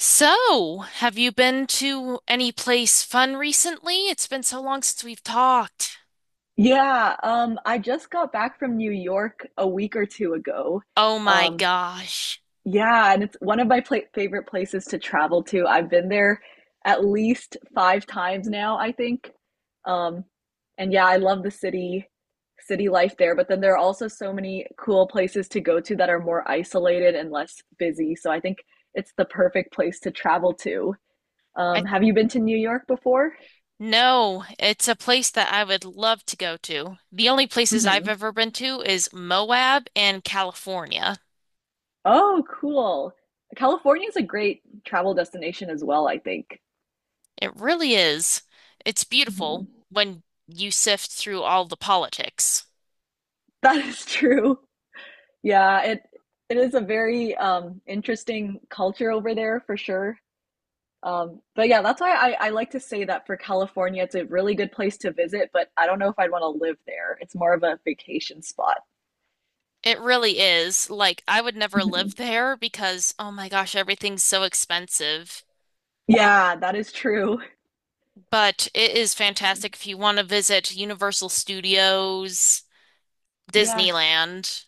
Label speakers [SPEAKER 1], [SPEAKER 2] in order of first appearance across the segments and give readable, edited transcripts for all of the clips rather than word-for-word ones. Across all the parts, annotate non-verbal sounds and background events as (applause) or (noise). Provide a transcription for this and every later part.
[SPEAKER 1] So, have you been to any place fun recently? It's been so long since we've talked.
[SPEAKER 2] Yeah, I just got back from New York a week or two ago.
[SPEAKER 1] Oh my
[SPEAKER 2] Um,
[SPEAKER 1] gosh.
[SPEAKER 2] yeah, and it's one of my pla favorite places to travel to. I've been there at least five times now, I think. Um, and yeah, I love city life there. But then there are also so many cool places to go to that are more isolated and less busy. So I think it's the perfect place to travel to.
[SPEAKER 1] I
[SPEAKER 2] Have you been to New York before?
[SPEAKER 1] No, it's a place that I would love to go to. The only places I've
[SPEAKER 2] Mhm.
[SPEAKER 1] ever been to is Moab and California.
[SPEAKER 2] Oh, cool. California is a great travel destination as well, I think.
[SPEAKER 1] It really is. It's beautiful
[SPEAKER 2] Mhm. (laughs)
[SPEAKER 1] when you sift through all the politics.
[SPEAKER 2] That is true. Yeah, it is a very interesting culture over there for sure. But yeah, that's why I like to say that for California, it's a really good place to visit, but I don't know if I'd want to live there. It's more of a vacation spot.
[SPEAKER 1] It really is. Like, I would never
[SPEAKER 2] Mhm.
[SPEAKER 1] live there because, oh my gosh, everything's so expensive.
[SPEAKER 2] Yeah, that is true.
[SPEAKER 1] But it is fantastic if you want to visit Universal Studios,
[SPEAKER 2] Yes.
[SPEAKER 1] Disneyland,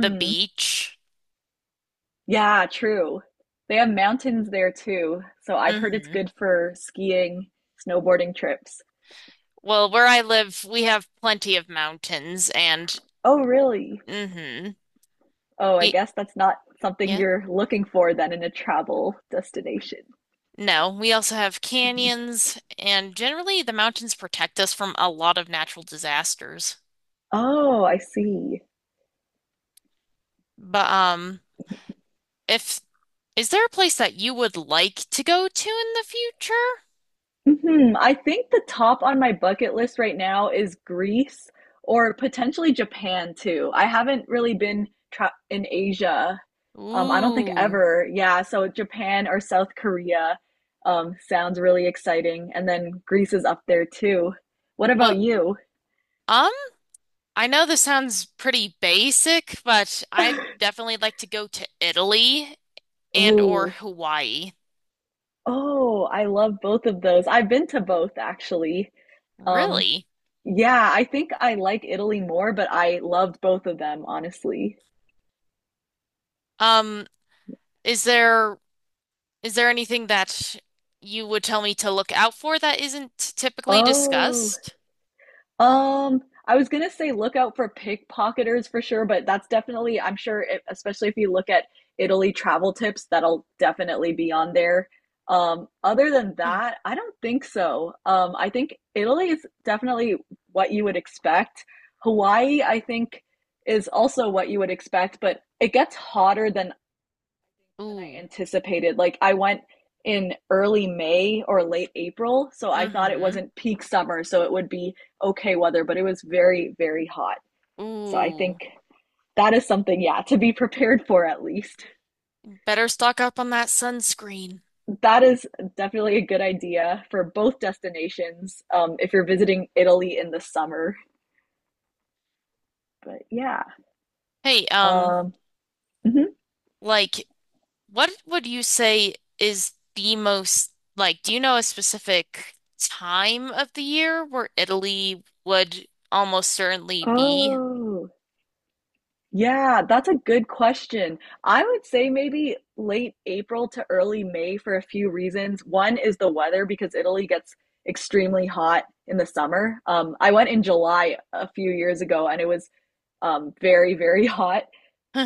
[SPEAKER 1] the beach.
[SPEAKER 2] Yeah, true. They have mountains there too, so I've heard it's
[SPEAKER 1] hmm
[SPEAKER 2] good for skiing, snowboarding trips.
[SPEAKER 1] Well, where I live, we have plenty of mountains and
[SPEAKER 2] Oh, really?
[SPEAKER 1] hmm
[SPEAKER 2] Oh, I
[SPEAKER 1] We
[SPEAKER 2] guess that's not something
[SPEAKER 1] yeah.
[SPEAKER 2] you're looking for then in a travel destination.
[SPEAKER 1] No, we also have canyons and generally the mountains protect us from a lot of natural disasters.
[SPEAKER 2] Oh, I see.
[SPEAKER 1] But if is there a place that you would like to go to in the future?
[SPEAKER 2] Mhm, I think the top on my bucket list right now is Greece or potentially Japan too. I haven't really been tra in Asia. I don't think
[SPEAKER 1] Ooh.
[SPEAKER 2] ever. Yeah, so Japan or South Korea sounds really exciting. And then Greece is up there too. What about
[SPEAKER 1] Well,
[SPEAKER 2] you?
[SPEAKER 1] um, I know this sounds pretty basic, but I'd
[SPEAKER 2] (laughs)
[SPEAKER 1] definitely like to go to Italy and or
[SPEAKER 2] Ooh.
[SPEAKER 1] Hawaii.
[SPEAKER 2] Oh, I love both of those. I've been to both actually. Um,
[SPEAKER 1] Really?
[SPEAKER 2] yeah, I think I like Italy more, but I loved both of them, honestly.
[SPEAKER 1] Um, is there anything that you would tell me to look out for that isn't typically
[SPEAKER 2] Oh,
[SPEAKER 1] discussed?
[SPEAKER 2] I was gonna say look out for pickpocketers for sure, but that's definitely, I'm sure, it, especially if you look at Italy travel tips, that'll definitely be on there. Other than
[SPEAKER 1] Hmm.
[SPEAKER 2] that, I don't think so. I think Italy is definitely what you would expect. Hawaii, I think, is also what you would expect, but it gets hotter than I
[SPEAKER 1] Ooh.
[SPEAKER 2] anticipated. Like I went in early May or late April, so I thought it
[SPEAKER 1] Mm-hmm.
[SPEAKER 2] wasn't peak summer, so it would be okay weather, but it was very, very hot. So I
[SPEAKER 1] Ooh.
[SPEAKER 2] think that is something, yeah, to be (laughs) prepared for at least.
[SPEAKER 1] Better stock up on that sunscreen.
[SPEAKER 2] That is definitely a good idea for both destinations if you're visiting Italy in the summer. But yeah.
[SPEAKER 1] Hey,
[SPEAKER 2] Um, mhm.
[SPEAKER 1] like what would you say is the most do you know a specific time of the year where Italy would almost certainly be?
[SPEAKER 2] Oh, yeah, that's a good question. I would say maybe late April to early May for a few reasons. One is the weather because Italy gets extremely hot in the summer. I went in July a few years ago and it was very, very (laughs) hot.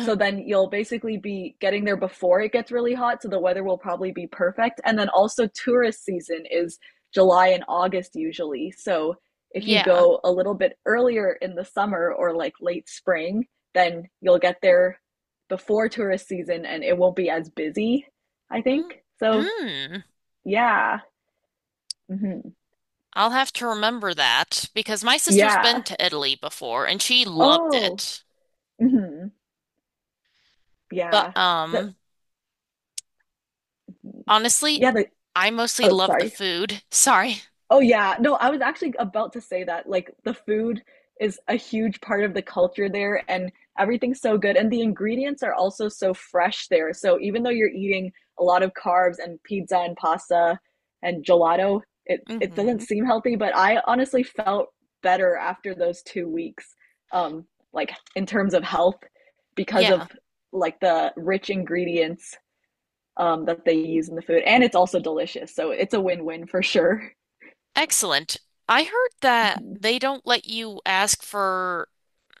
[SPEAKER 2] So then you'll basically be getting there before it gets really hot. So the weather will probably be perfect. And then also, tourist season is July and August usually. So if you
[SPEAKER 1] Yeah.
[SPEAKER 2] go a little bit earlier in the summer or like late spring, then you'll get there before tourist season and it won't be as busy, I
[SPEAKER 1] Mm.
[SPEAKER 2] think. So,
[SPEAKER 1] Mm.
[SPEAKER 2] yeah. Hmm.
[SPEAKER 1] I'll have to remember that because my sister's
[SPEAKER 2] Yeah.
[SPEAKER 1] been to Italy before and she loved
[SPEAKER 2] Oh,
[SPEAKER 1] it.
[SPEAKER 2] hmm,
[SPEAKER 1] But
[SPEAKER 2] yeah. The,
[SPEAKER 1] Honestly,
[SPEAKER 2] yeah.
[SPEAKER 1] I mostly
[SPEAKER 2] Oh,
[SPEAKER 1] love the
[SPEAKER 2] sorry.
[SPEAKER 1] food. (laughs) Sorry.
[SPEAKER 2] Oh yeah. No, I was actually about to say that. Like the food is a huge part of the culture there and everything's so good and the ingredients are also so fresh there. So even though you're eating a lot of carbs and pizza and pasta and gelato, it doesn't
[SPEAKER 1] hmm
[SPEAKER 2] seem healthy, but I honestly felt better after those 2 weeks um like in terms of health because of
[SPEAKER 1] Yeah,
[SPEAKER 2] like the rich ingredients that they use in the food and it's also delicious. So it's a win-win for sure.
[SPEAKER 1] excellent. I heard that
[SPEAKER 2] (laughs)
[SPEAKER 1] they don't let you ask for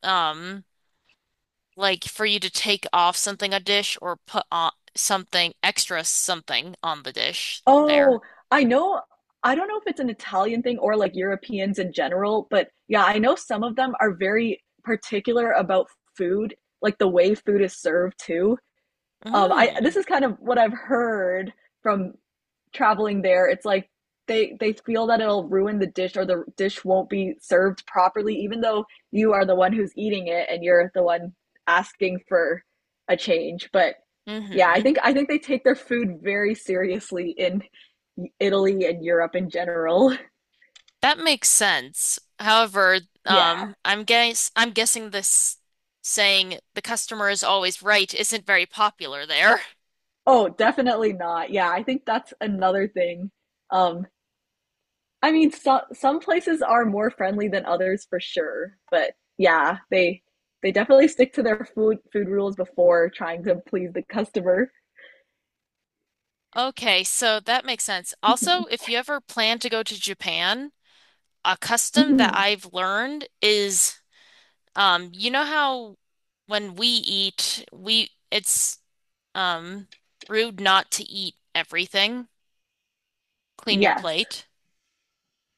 [SPEAKER 1] um for you to take off something a dish or put on something extra something on the dish there.
[SPEAKER 2] Oh, I know. I don't know if it's an Italian thing or like Europeans in general, but yeah, I know some of them are very particular about food, like the way food is served too. I this
[SPEAKER 1] Mm.
[SPEAKER 2] is kind of what I've heard from traveling there, it's like they feel that it'll ruin the dish or the dish won't be served properly, even though you are the one who's eating it and you're the one asking for a change. But yeah,
[SPEAKER 1] hmm
[SPEAKER 2] I think they take their food very seriously in Italy and Europe in general. (laughs)
[SPEAKER 1] That makes sense. However,
[SPEAKER 2] Yeah.
[SPEAKER 1] um, I'm guessing this saying the customer is always right isn't very popular there.
[SPEAKER 2] Oh, definitely not. Yeah, I think that's another thing. Um, I mean, so, some places are more friendly than others for sure, but yeah, they definitely stick to their food rules before trying to please the customer.
[SPEAKER 1] Okay, so that makes sense.
[SPEAKER 2] Mhm.
[SPEAKER 1] Also, if you ever plan to go to Japan, a custom that
[SPEAKER 2] Mhm.
[SPEAKER 1] I've learned is, you know how when we eat, we it's Um, rude not to eat everything. Clean your
[SPEAKER 2] Yes.
[SPEAKER 1] plate.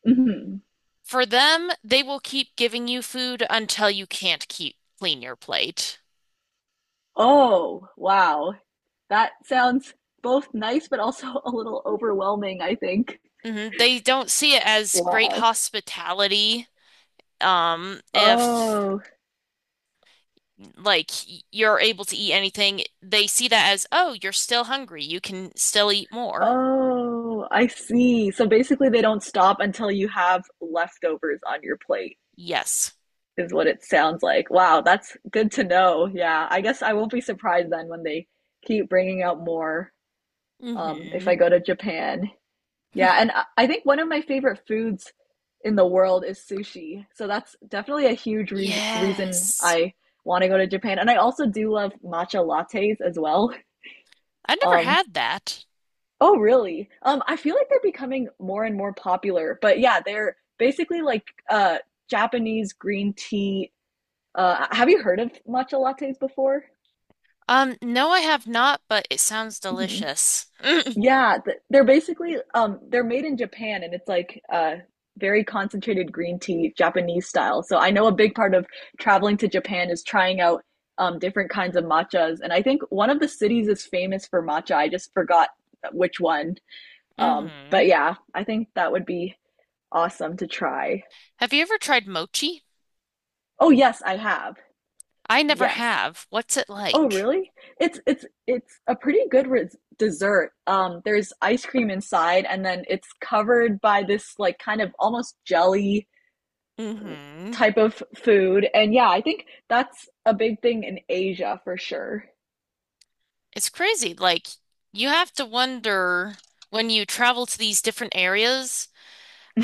[SPEAKER 2] Hmm.
[SPEAKER 1] For them, they will keep giving you food until you can't keep clean your plate.
[SPEAKER 2] Oh, wow. That sounds both nice but also (laughs) a little overwhelming, I think.
[SPEAKER 1] Mhm. They don't see it as great
[SPEAKER 2] Wow.
[SPEAKER 1] hospitality. If
[SPEAKER 2] Oh,
[SPEAKER 1] like You're able to eat anything, they see that as, oh, you're still hungry. You can still eat more.
[SPEAKER 2] oh, I see. So basically, they don't stop until you have leftovers on your plate.
[SPEAKER 1] Yes.
[SPEAKER 2] Is what it sounds like. Wow, that's good to know. Yeah, I guess I won't be surprised then when they keep bringing out more if
[SPEAKER 1] hmm
[SPEAKER 2] I go to Japan. Yeah, and
[SPEAKER 1] (laughs)
[SPEAKER 2] I- think one of my favorite foods in the world is sushi. So that's definitely a huge re- reason
[SPEAKER 1] Yes.
[SPEAKER 2] I want to go to Japan. And I also do love matcha lattes as well.
[SPEAKER 1] I've never
[SPEAKER 2] Um,
[SPEAKER 1] had that.
[SPEAKER 2] oh, really? I feel like they're becoming more and more popular. But yeah, they're basically like uh, Japanese green tea. Have you heard of matcha lattes before?
[SPEAKER 1] No, I have not, but it sounds
[SPEAKER 2] Hmm.
[SPEAKER 1] delicious. (laughs)
[SPEAKER 2] Yeah, th- they're basically they're made in Japan and it's like very concentrated green tea, Japanese style. So I know a big part of traveling to Japan is trying out different kinds of matchas and I think one of the cities is famous for matcha. I just forgot which one.
[SPEAKER 1] Mm-hmm.
[SPEAKER 2] But yeah, I think that would be awesome to try.
[SPEAKER 1] Have you ever tried mochi?
[SPEAKER 2] Oh yes, I have.
[SPEAKER 1] I never
[SPEAKER 2] Yes.
[SPEAKER 1] have. What's it
[SPEAKER 2] Oh,
[SPEAKER 1] like?
[SPEAKER 2] really? It's it's a pretty good res dessert. There's ice cream inside, and then it's covered by this like kind of almost jelly
[SPEAKER 1] Mm-hmm.
[SPEAKER 2] type of food. And yeah, I think that's a big thing in Asia for sure.
[SPEAKER 1] It's crazy. Like, you have to wonder when you travel to these different areas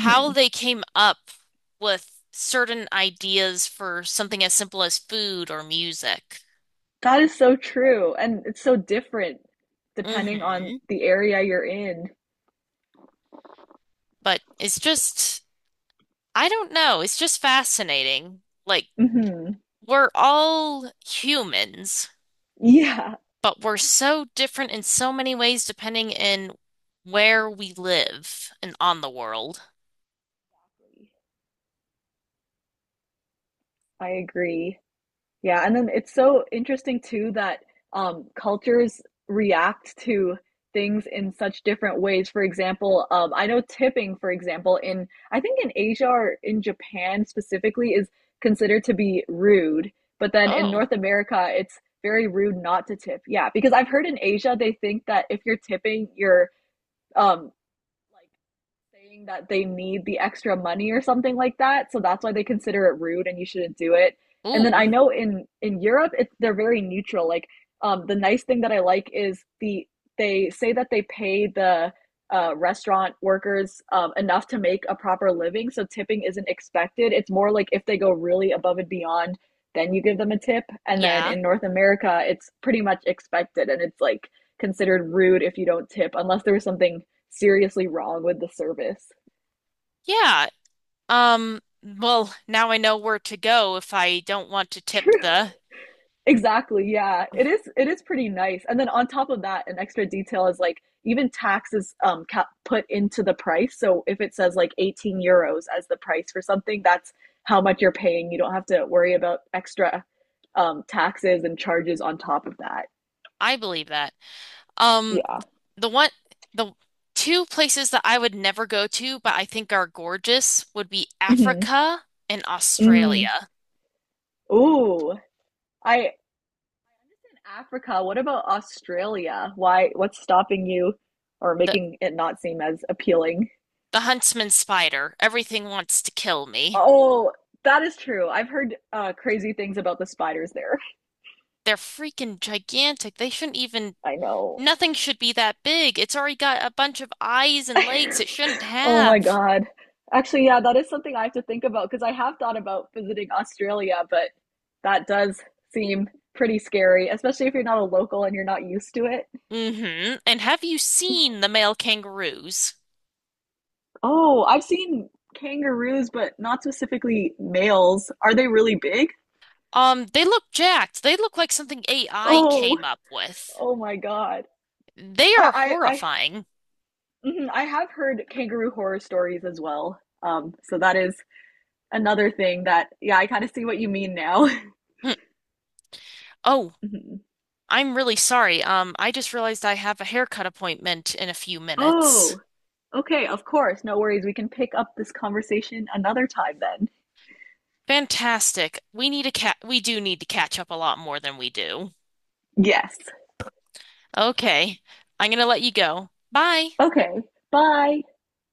[SPEAKER 1] how they came up with certain ideas for something as simple as food or music.
[SPEAKER 2] That is so true, and it's so different depending on
[SPEAKER 1] Mm-hmm.
[SPEAKER 2] the area you're in.
[SPEAKER 1] But it's just, I don't know. It's just fascinating. Like,
[SPEAKER 2] Hmm.
[SPEAKER 1] we're all humans,
[SPEAKER 2] Yeah,
[SPEAKER 1] but we're so different in so many ways depending in where we live and on the world.
[SPEAKER 2] I agree. Yeah, and then it's so interesting too that cultures react to things in such different ways. For example, I know tipping, for example, in I think in Asia or in Japan specifically is considered to be rude, but then in
[SPEAKER 1] Oh,
[SPEAKER 2] North America, it's very rude not to tip. Yeah, because I've heard in Asia they think that if you're tipping, you're um, like saying that they need the extra money or something like that. So that's why they consider it rude and you shouldn't do it. And then
[SPEAKER 1] ooh,
[SPEAKER 2] I know in Europe, it's they're very neutral. Like the nice thing that I like is they say that they pay the restaurant workers enough to make a proper living, so tipping isn't expected. It's more like if they go really above and beyond, then you give them a tip. And then
[SPEAKER 1] yeah,
[SPEAKER 2] in North America, it's pretty much expected, and it's like considered rude if you don't tip unless there was something seriously wrong with the service.
[SPEAKER 1] yeah. Well, now I know where to go if I don't want to
[SPEAKER 2] (laughs)
[SPEAKER 1] tip
[SPEAKER 2] True.
[SPEAKER 1] the.
[SPEAKER 2] Exactly. Yeah. It is pretty nice. And then on top of that, an extra detail is like even taxes cap- put into the price. So if it says like €18 as the price for something, that's how much you're paying. You don't have to worry about extra taxes and charges on top of that.
[SPEAKER 1] I believe that. Um,
[SPEAKER 2] Yeah.
[SPEAKER 1] the one, the two places that I would never go to, but I think are gorgeous, would be
[SPEAKER 2] Mhm.
[SPEAKER 1] Africa and
[SPEAKER 2] Mm.
[SPEAKER 1] Australia.
[SPEAKER 2] Ooh. I in Africa, what about Australia? Why what's stopping you or
[SPEAKER 1] The
[SPEAKER 2] making it not seem as appealing?
[SPEAKER 1] the huntsman spider. Everything wants to kill me.
[SPEAKER 2] Oh, that is true. I've heard crazy things about the spiders there.
[SPEAKER 1] They're freaking gigantic. They shouldn't even
[SPEAKER 2] I know.
[SPEAKER 1] Nothing should be that big. It's already got a bunch of eyes and legs it
[SPEAKER 2] (laughs)
[SPEAKER 1] shouldn't
[SPEAKER 2] Oh my
[SPEAKER 1] have.
[SPEAKER 2] God. Actually, yeah, that is something I have to think about because I have thought about visiting Australia, but that does seem pretty scary, especially if you're not a local and you're not used to it.
[SPEAKER 1] Mm-hmm. And have you seen the male kangaroos?
[SPEAKER 2] Oh, I've seen kangaroos, but not specifically males. Are they really big?
[SPEAKER 1] They look jacked. They look like something AI
[SPEAKER 2] Oh,
[SPEAKER 1] came up with.
[SPEAKER 2] oh my God.
[SPEAKER 1] They are
[SPEAKER 2] I I I,
[SPEAKER 1] horrifying.
[SPEAKER 2] mhm, I have heard kangaroo horror stories as well. So that is another thing that yeah, I kind of see what you mean now. (laughs)
[SPEAKER 1] Hm. Oh,
[SPEAKER 2] Mhm.
[SPEAKER 1] I'm really sorry. I just realized I have a haircut appointment in a few minutes.
[SPEAKER 2] Oh, okay, of course. No worries. We can pick up this conversation another time then.
[SPEAKER 1] Fantastic. We need a cat. We do need to catch up a lot more than we do.
[SPEAKER 2] Yes.
[SPEAKER 1] Okay. I'm gonna let you go. Bye.
[SPEAKER 2] Okay. Bye.